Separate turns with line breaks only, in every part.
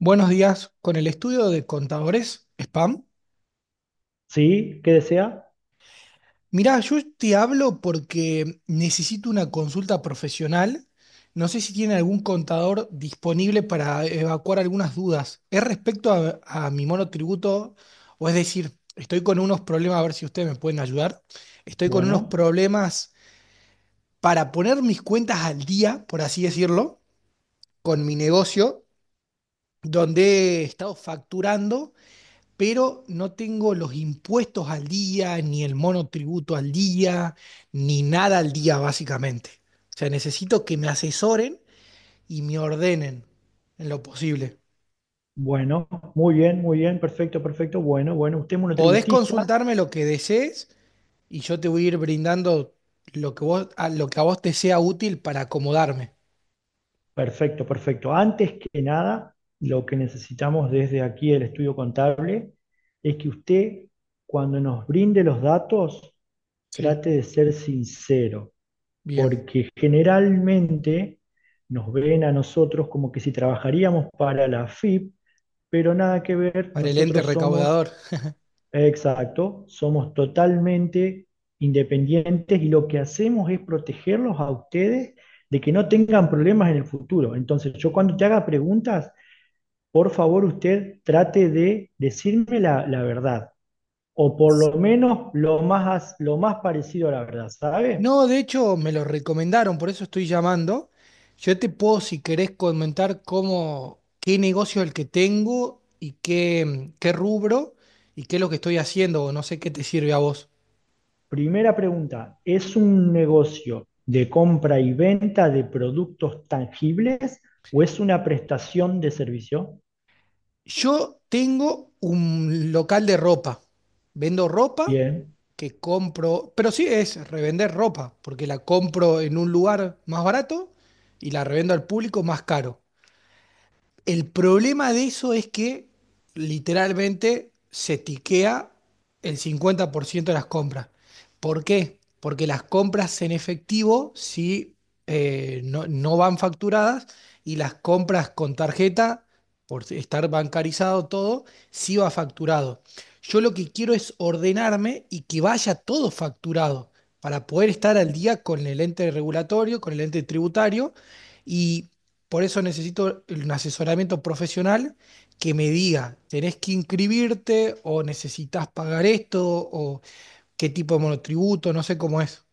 Buenos días, con el estudio de contadores, Spam.
Sí, ¿qué desea?
Mirá, yo te hablo porque necesito una consulta profesional. No sé si tiene algún contador disponible para evacuar algunas dudas. Es respecto a mi monotributo, o es decir, estoy con unos problemas, a ver si ustedes me pueden ayudar. Estoy con unos
Bueno,
problemas para poner mis cuentas al día, por así decirlo, con mi negocio, donde he estado facturando, pero no tengo los impuestos al día, ni el monotributo al día, ni nada al día básicamente. O sea, necesito que me asesoren y me ordenen en lo posible.
bueno, muy bien, perfecto, perfecto, bueno, bueno, usted es
Podés
monotributista,
consultarme lo que desees y yo te voy a ir brindando lo que a vos te sea útil para acomodarme.
perfecto, perfecto. Antes que nada, lo que necesitamos desde aquí el estudio contable es que usted, cuando nos brinde los datos,
Sí,
trate de ser sincero,
bien,
porque generalmente nos ven a nosotros como que si trabajaríamos para la FIP, pero nada que ver,
para el ente
nosotros somos...
recaudador.
Exacto, somos totalmente independientes y lo que hacemos es protegerlos a ustedes de que no tengan problemas en el futuro. Entonces, yo cuando te haga preguntas, por favor usted trate de decirme la verdad, o por lo menos lo más parecido a la verdad, ¿sabe?
No, de hecho me lo recomendaron, por eso estoy llamando. Yo te puedo, si querés, comentar qué negocio es el que tengo y qué rubro y qué es lo que estoy haciendo, o no sé qué te sirve a vos.
Primera pregunta, ¿es un negocio de compra y venta de productos tangibles o es una prestación de servicio?
Yo tengo un local de ropa. Vendo ropa
Bien.
que compro, pero sí es revender ropa, porque la compro en un lugar más barato y la revendo al público más caro. El problema de eso es que literalmente se tiquea el 50% de las compras. ¿Por qué? Porque las compras en efectivo sí no, no van facturadas y las compras con tarjeta, por estar bancarizado todo, sí va facturado. Yo lo que quiero es ordenarme y que vaya todo facturado para poder estar al día con el ente regulatorio, con el ente tributario y por eso necesito un asesoramiento profesional que me diga, ¿tenés que inscribirte o necesitas pagar esto o qué tipo de monotributo? No sé cómo es.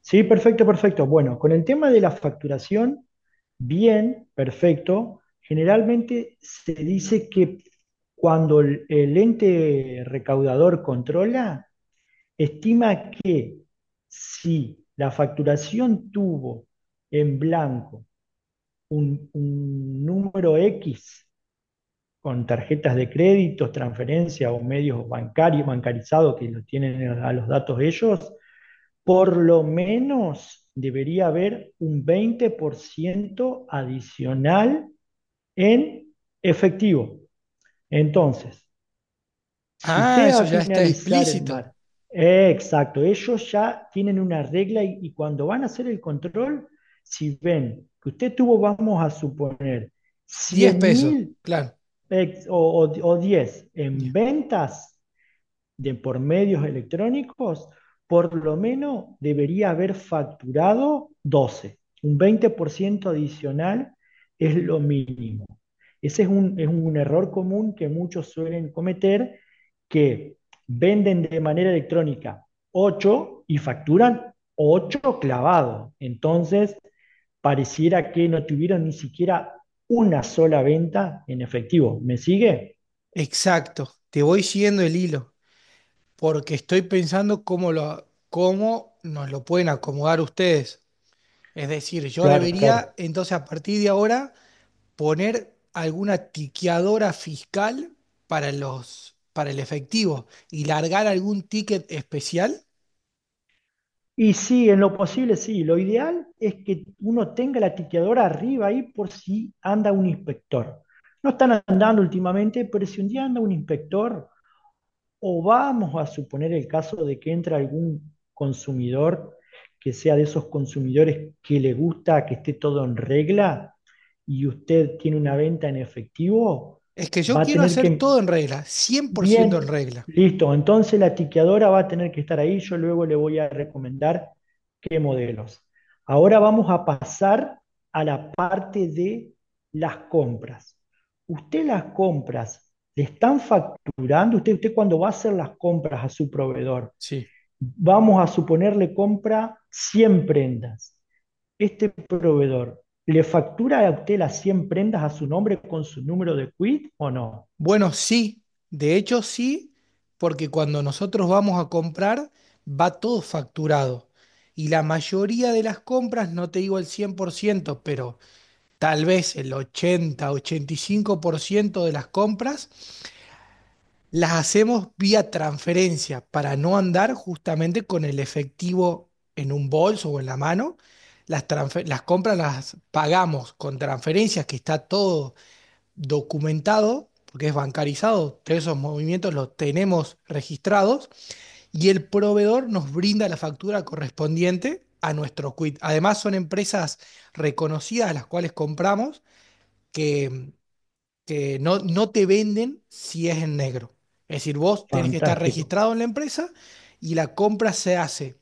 Sí, perfecto, perfecto. Bueno, con el tema de la facturación, bien, perfecto. Generalmente se dice que cuando el ente recaudador controla, estima que si la facturación tuvo en blanco un número X con tarjetas de crédito, transferencias o medios bancarios, bancarizados que lo tienen a los datos ellos, por lo menos debería haber un 20% adicional en efectivo. Entonces, si
Ah,
usted va
eso
a
ya está
finalizar el
explícito.
mar, exacto, ellos ya tienen una regla y cuando van a hacer el control, si ven que usted tuvo, vamos a suponer,
Diez
cien
pesos,
mil
claro.
o, o, o 10 en
Bien.
ventas, de por medios electrónicos, por lo menos debería haber facturado 12, un 20% adicional es lo mínimo. Ese es es un error común que muchos suelen cometer, que venden de manera electrónica 8 y facturan 8 clavados. Entonces, pareciera que no tuvieron ni siquiera una sola venta en efectivo. ¿Me sigue?
Exacto, te voy siguiendo el hilo porque estoy pensando cómo nos lo pueden acomodar ustedes. Es decir, yo
Claro,
debería
claro.
entonces a partir de ahora poner alguna tiqueadora fiscal para para el efectivo y largar algún ticket especial.
Y sí, en lo posible sí. Lo ideal es que uno tenga la tiqueadora arriba ahí por si anda un inspector. No están andando últimamente, pero si un día anda un inspector, o vamos a suponer el caso de que entra algún consumidor que sea de esos consumidores que le gusta que esté todo en regla y usted tiene una venta en efectivo,
Es que
va
yo
a
quiero
tener
hacer
que...
todo en regla, 100% en
Bien,
regla.
listo. Entonces la tiqueadora va a tener que estar ahí. Yo luego le voy a recomendar qué modelos. Ahora vamos a pasar a la parte de las compras. Usted las compras le están facturando, usted cuando va a hacer las compras a su proveedor,
Sí.
vamos a suponerle compra 100 prendas. Este proveedor, ¿le factura a usted las 100 prendas a su nombre con su número de quit o no?
Bueno, sí, de hecho sí, porque cuando nosotros vamos a comprar va todo facturado. Y la mayoría de las compras, no te digo el 100% pero tal vez el 80-85% de las compras las hacemos vía transferencia para no andar justamente con el efectivo en un bolso o en la mano. Las compras las pagamos con transferencias, que está todo documentado, porque es bancarizado, todos esos movimientos los tenemos registrados y el proveedor nos brinda la factura correspondiente a nuestro quit. Además, son empresas reconocidas a las cuales compramos, que que no, no te venden si es en negro. Es decir, vos tenés que estar
Fantástico.
registrado en la empresa y la compra se hace.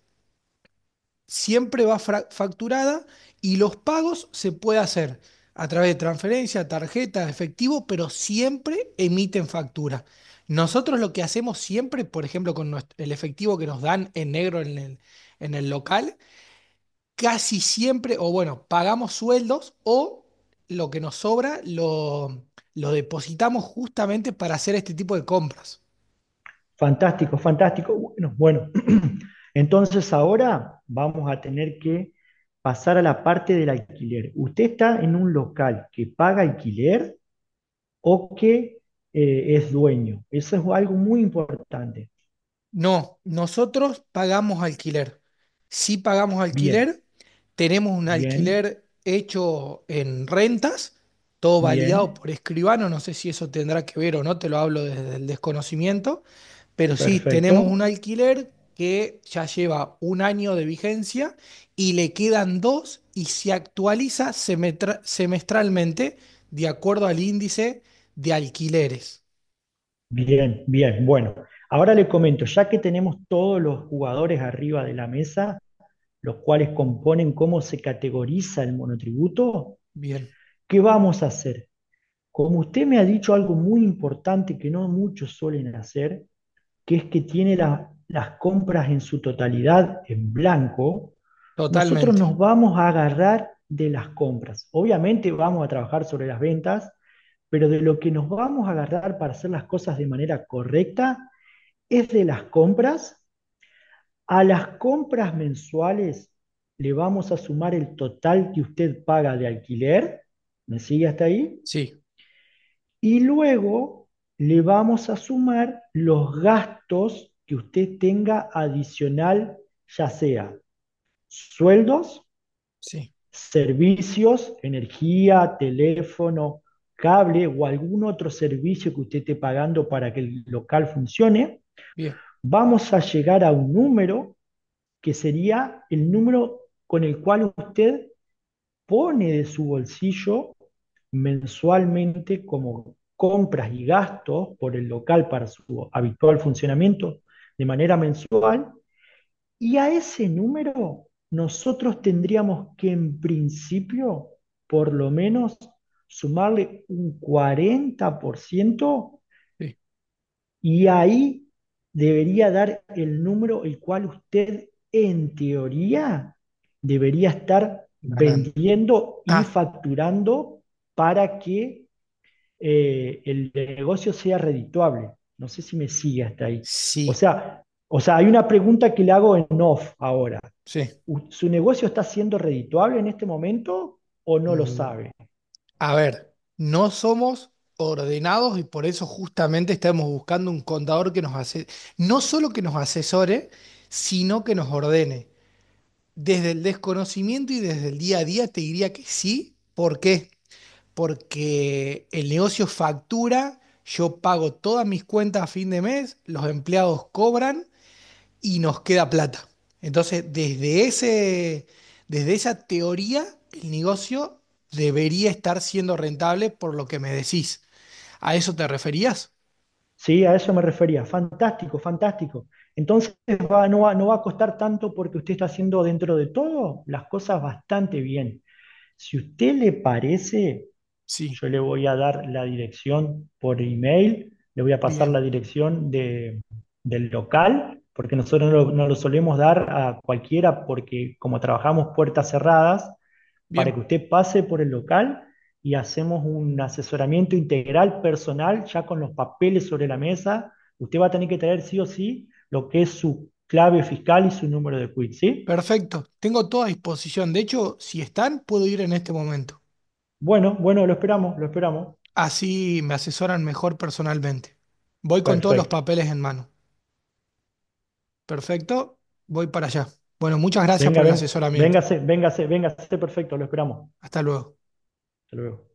Siempre va facturada y los pagos se puede hacer a través de transferencia, tarjeta, efectivo, pero siempre emiten factura. Nosotros lo que hacemos siempre, por ejemplo, con el efectivo que nos dan en negro en el local, casi siempre, o bueno, pagamos sueldos o lo que nos sobra lo depositamos justamente para hacer este tipo de compras.
Fantástico, fantástico. Bueno, bueno. Entonces ahora vamos a tener que pasar a la parte del alquiler. Usted está en un local que paga alquiler o que es dueño. Eso es algo muy importante.
No, nosotros pagamos alquiler. Si pagamos
Bien,
alquiler, tenemos un
bien,
alquiler hecho en rentas, todo validado
bien,
por escribano, no sé si eso tendrá que ver o no, te lo hablo desde el desconocimiento, pero sí, tenemos un
perfecto.
alquiler que ya lleva un año de vigencia y le quedan dos y se actualiza semestralmente de acuerdo al índice de alquileres.
Bien, bien. Bueno, ahora le comento, ya que tenemos todos los jugadores arriba de la mesa, los cuales componen cómo se categoriza el monotributo,
Bien,
¿qué vamos a hacer? Como usted me ha dicho algo muy importante que no muchos suelen hacer, que es que tiene las compras en su totalidad en blanco, nosotros
totalmente.
nos vamos a agarrar de las compras. Obviamente vamos a trabajar sobre las ventas, pero de lo que nos vamos a agarrar para hacer las cosas de manera correcta es de las compras. A las compras mensuales le vamos a sumar el total que usted paga de alquiler. ¿Me sigue hasta ahí?
Sí,
Y luego le vamos a sumar los gastos que usted tenga adicional, ya sea sueldos,
sí.
servicios, energía, teléfono, cable o algún otro servicio que usted esté pagando para que el local funcione,
Bien.
vamos a llegar a un número que sería el número con el cual usted pone de su bolsillo mensualmente como compras y gastos por el local para su habitual funcionamiento de manera mensual y a ese número nosotros tendríamos que en principio por lo menos sumarle un 40%
Sí,
y ahí debería dar el número el cual usted, en teoría, debería estar
ganando.
vendiendo y
Ah,
facturando para que el negocio sea redituable. No sé si me sigue hasta ahí. O
sí,
sea, o sea, hay una pregunta que le hago en off ahora.
sí.
¿Su negocio está siendo redituable en este momento o no lo
Mm,
sabe?
a ver, no somos ordenados y por eso justamente estamos buscando un contador que nos hace, no solo que nos asesore, sino que nos ordene. Desde el desconocimiento y desde el día a día te diría que sí. ¿Por qué? Porque el negocio factura, yo pago todas mis cuentas a fin de mes, los empleados cobran y nos queda plata. Entonces, desde esa teoría, el negocio debería estar siendo rentable por lo que me decís. ¿A eso te referías?
Sí, a eso me refería. Fantástico, fantástico. Entonces no va a costar tanto porque usted está haciendo dentro de todo las cosas bastante bien. Si usted le parece,
Sí,
yo le voy a dar la dirección por email, le voy a pasar la
bien,
dirección del local, porque nosotros no lo solemos dar a cualquiera porque como trabajamos puertas cerradas, para
bien,
que usted pase por el local y hacemos un asesoramiento integral personal ya con los papeles sobre la mesa. Usted va a tener que traer sí o sí lo que es su clave fiscal y su número de quit, ¿sí?
perfecto. Tengo toda a disposición. De hecho, si están, puedo ir en este momento.
Bueno, bueno, lo esperamos, lo esperamos.
Así me asesoran mejor personalmente. Voy con todos los
Perfecto.
papeles en mano. Perfecto, voy para allá. Bueno, muchas gracias
Venga,
por el
ven,
asesoramiento.
véngase, véngase, véngase, perfecto, lo esperamos.
Hasta luego.
Hasta luego.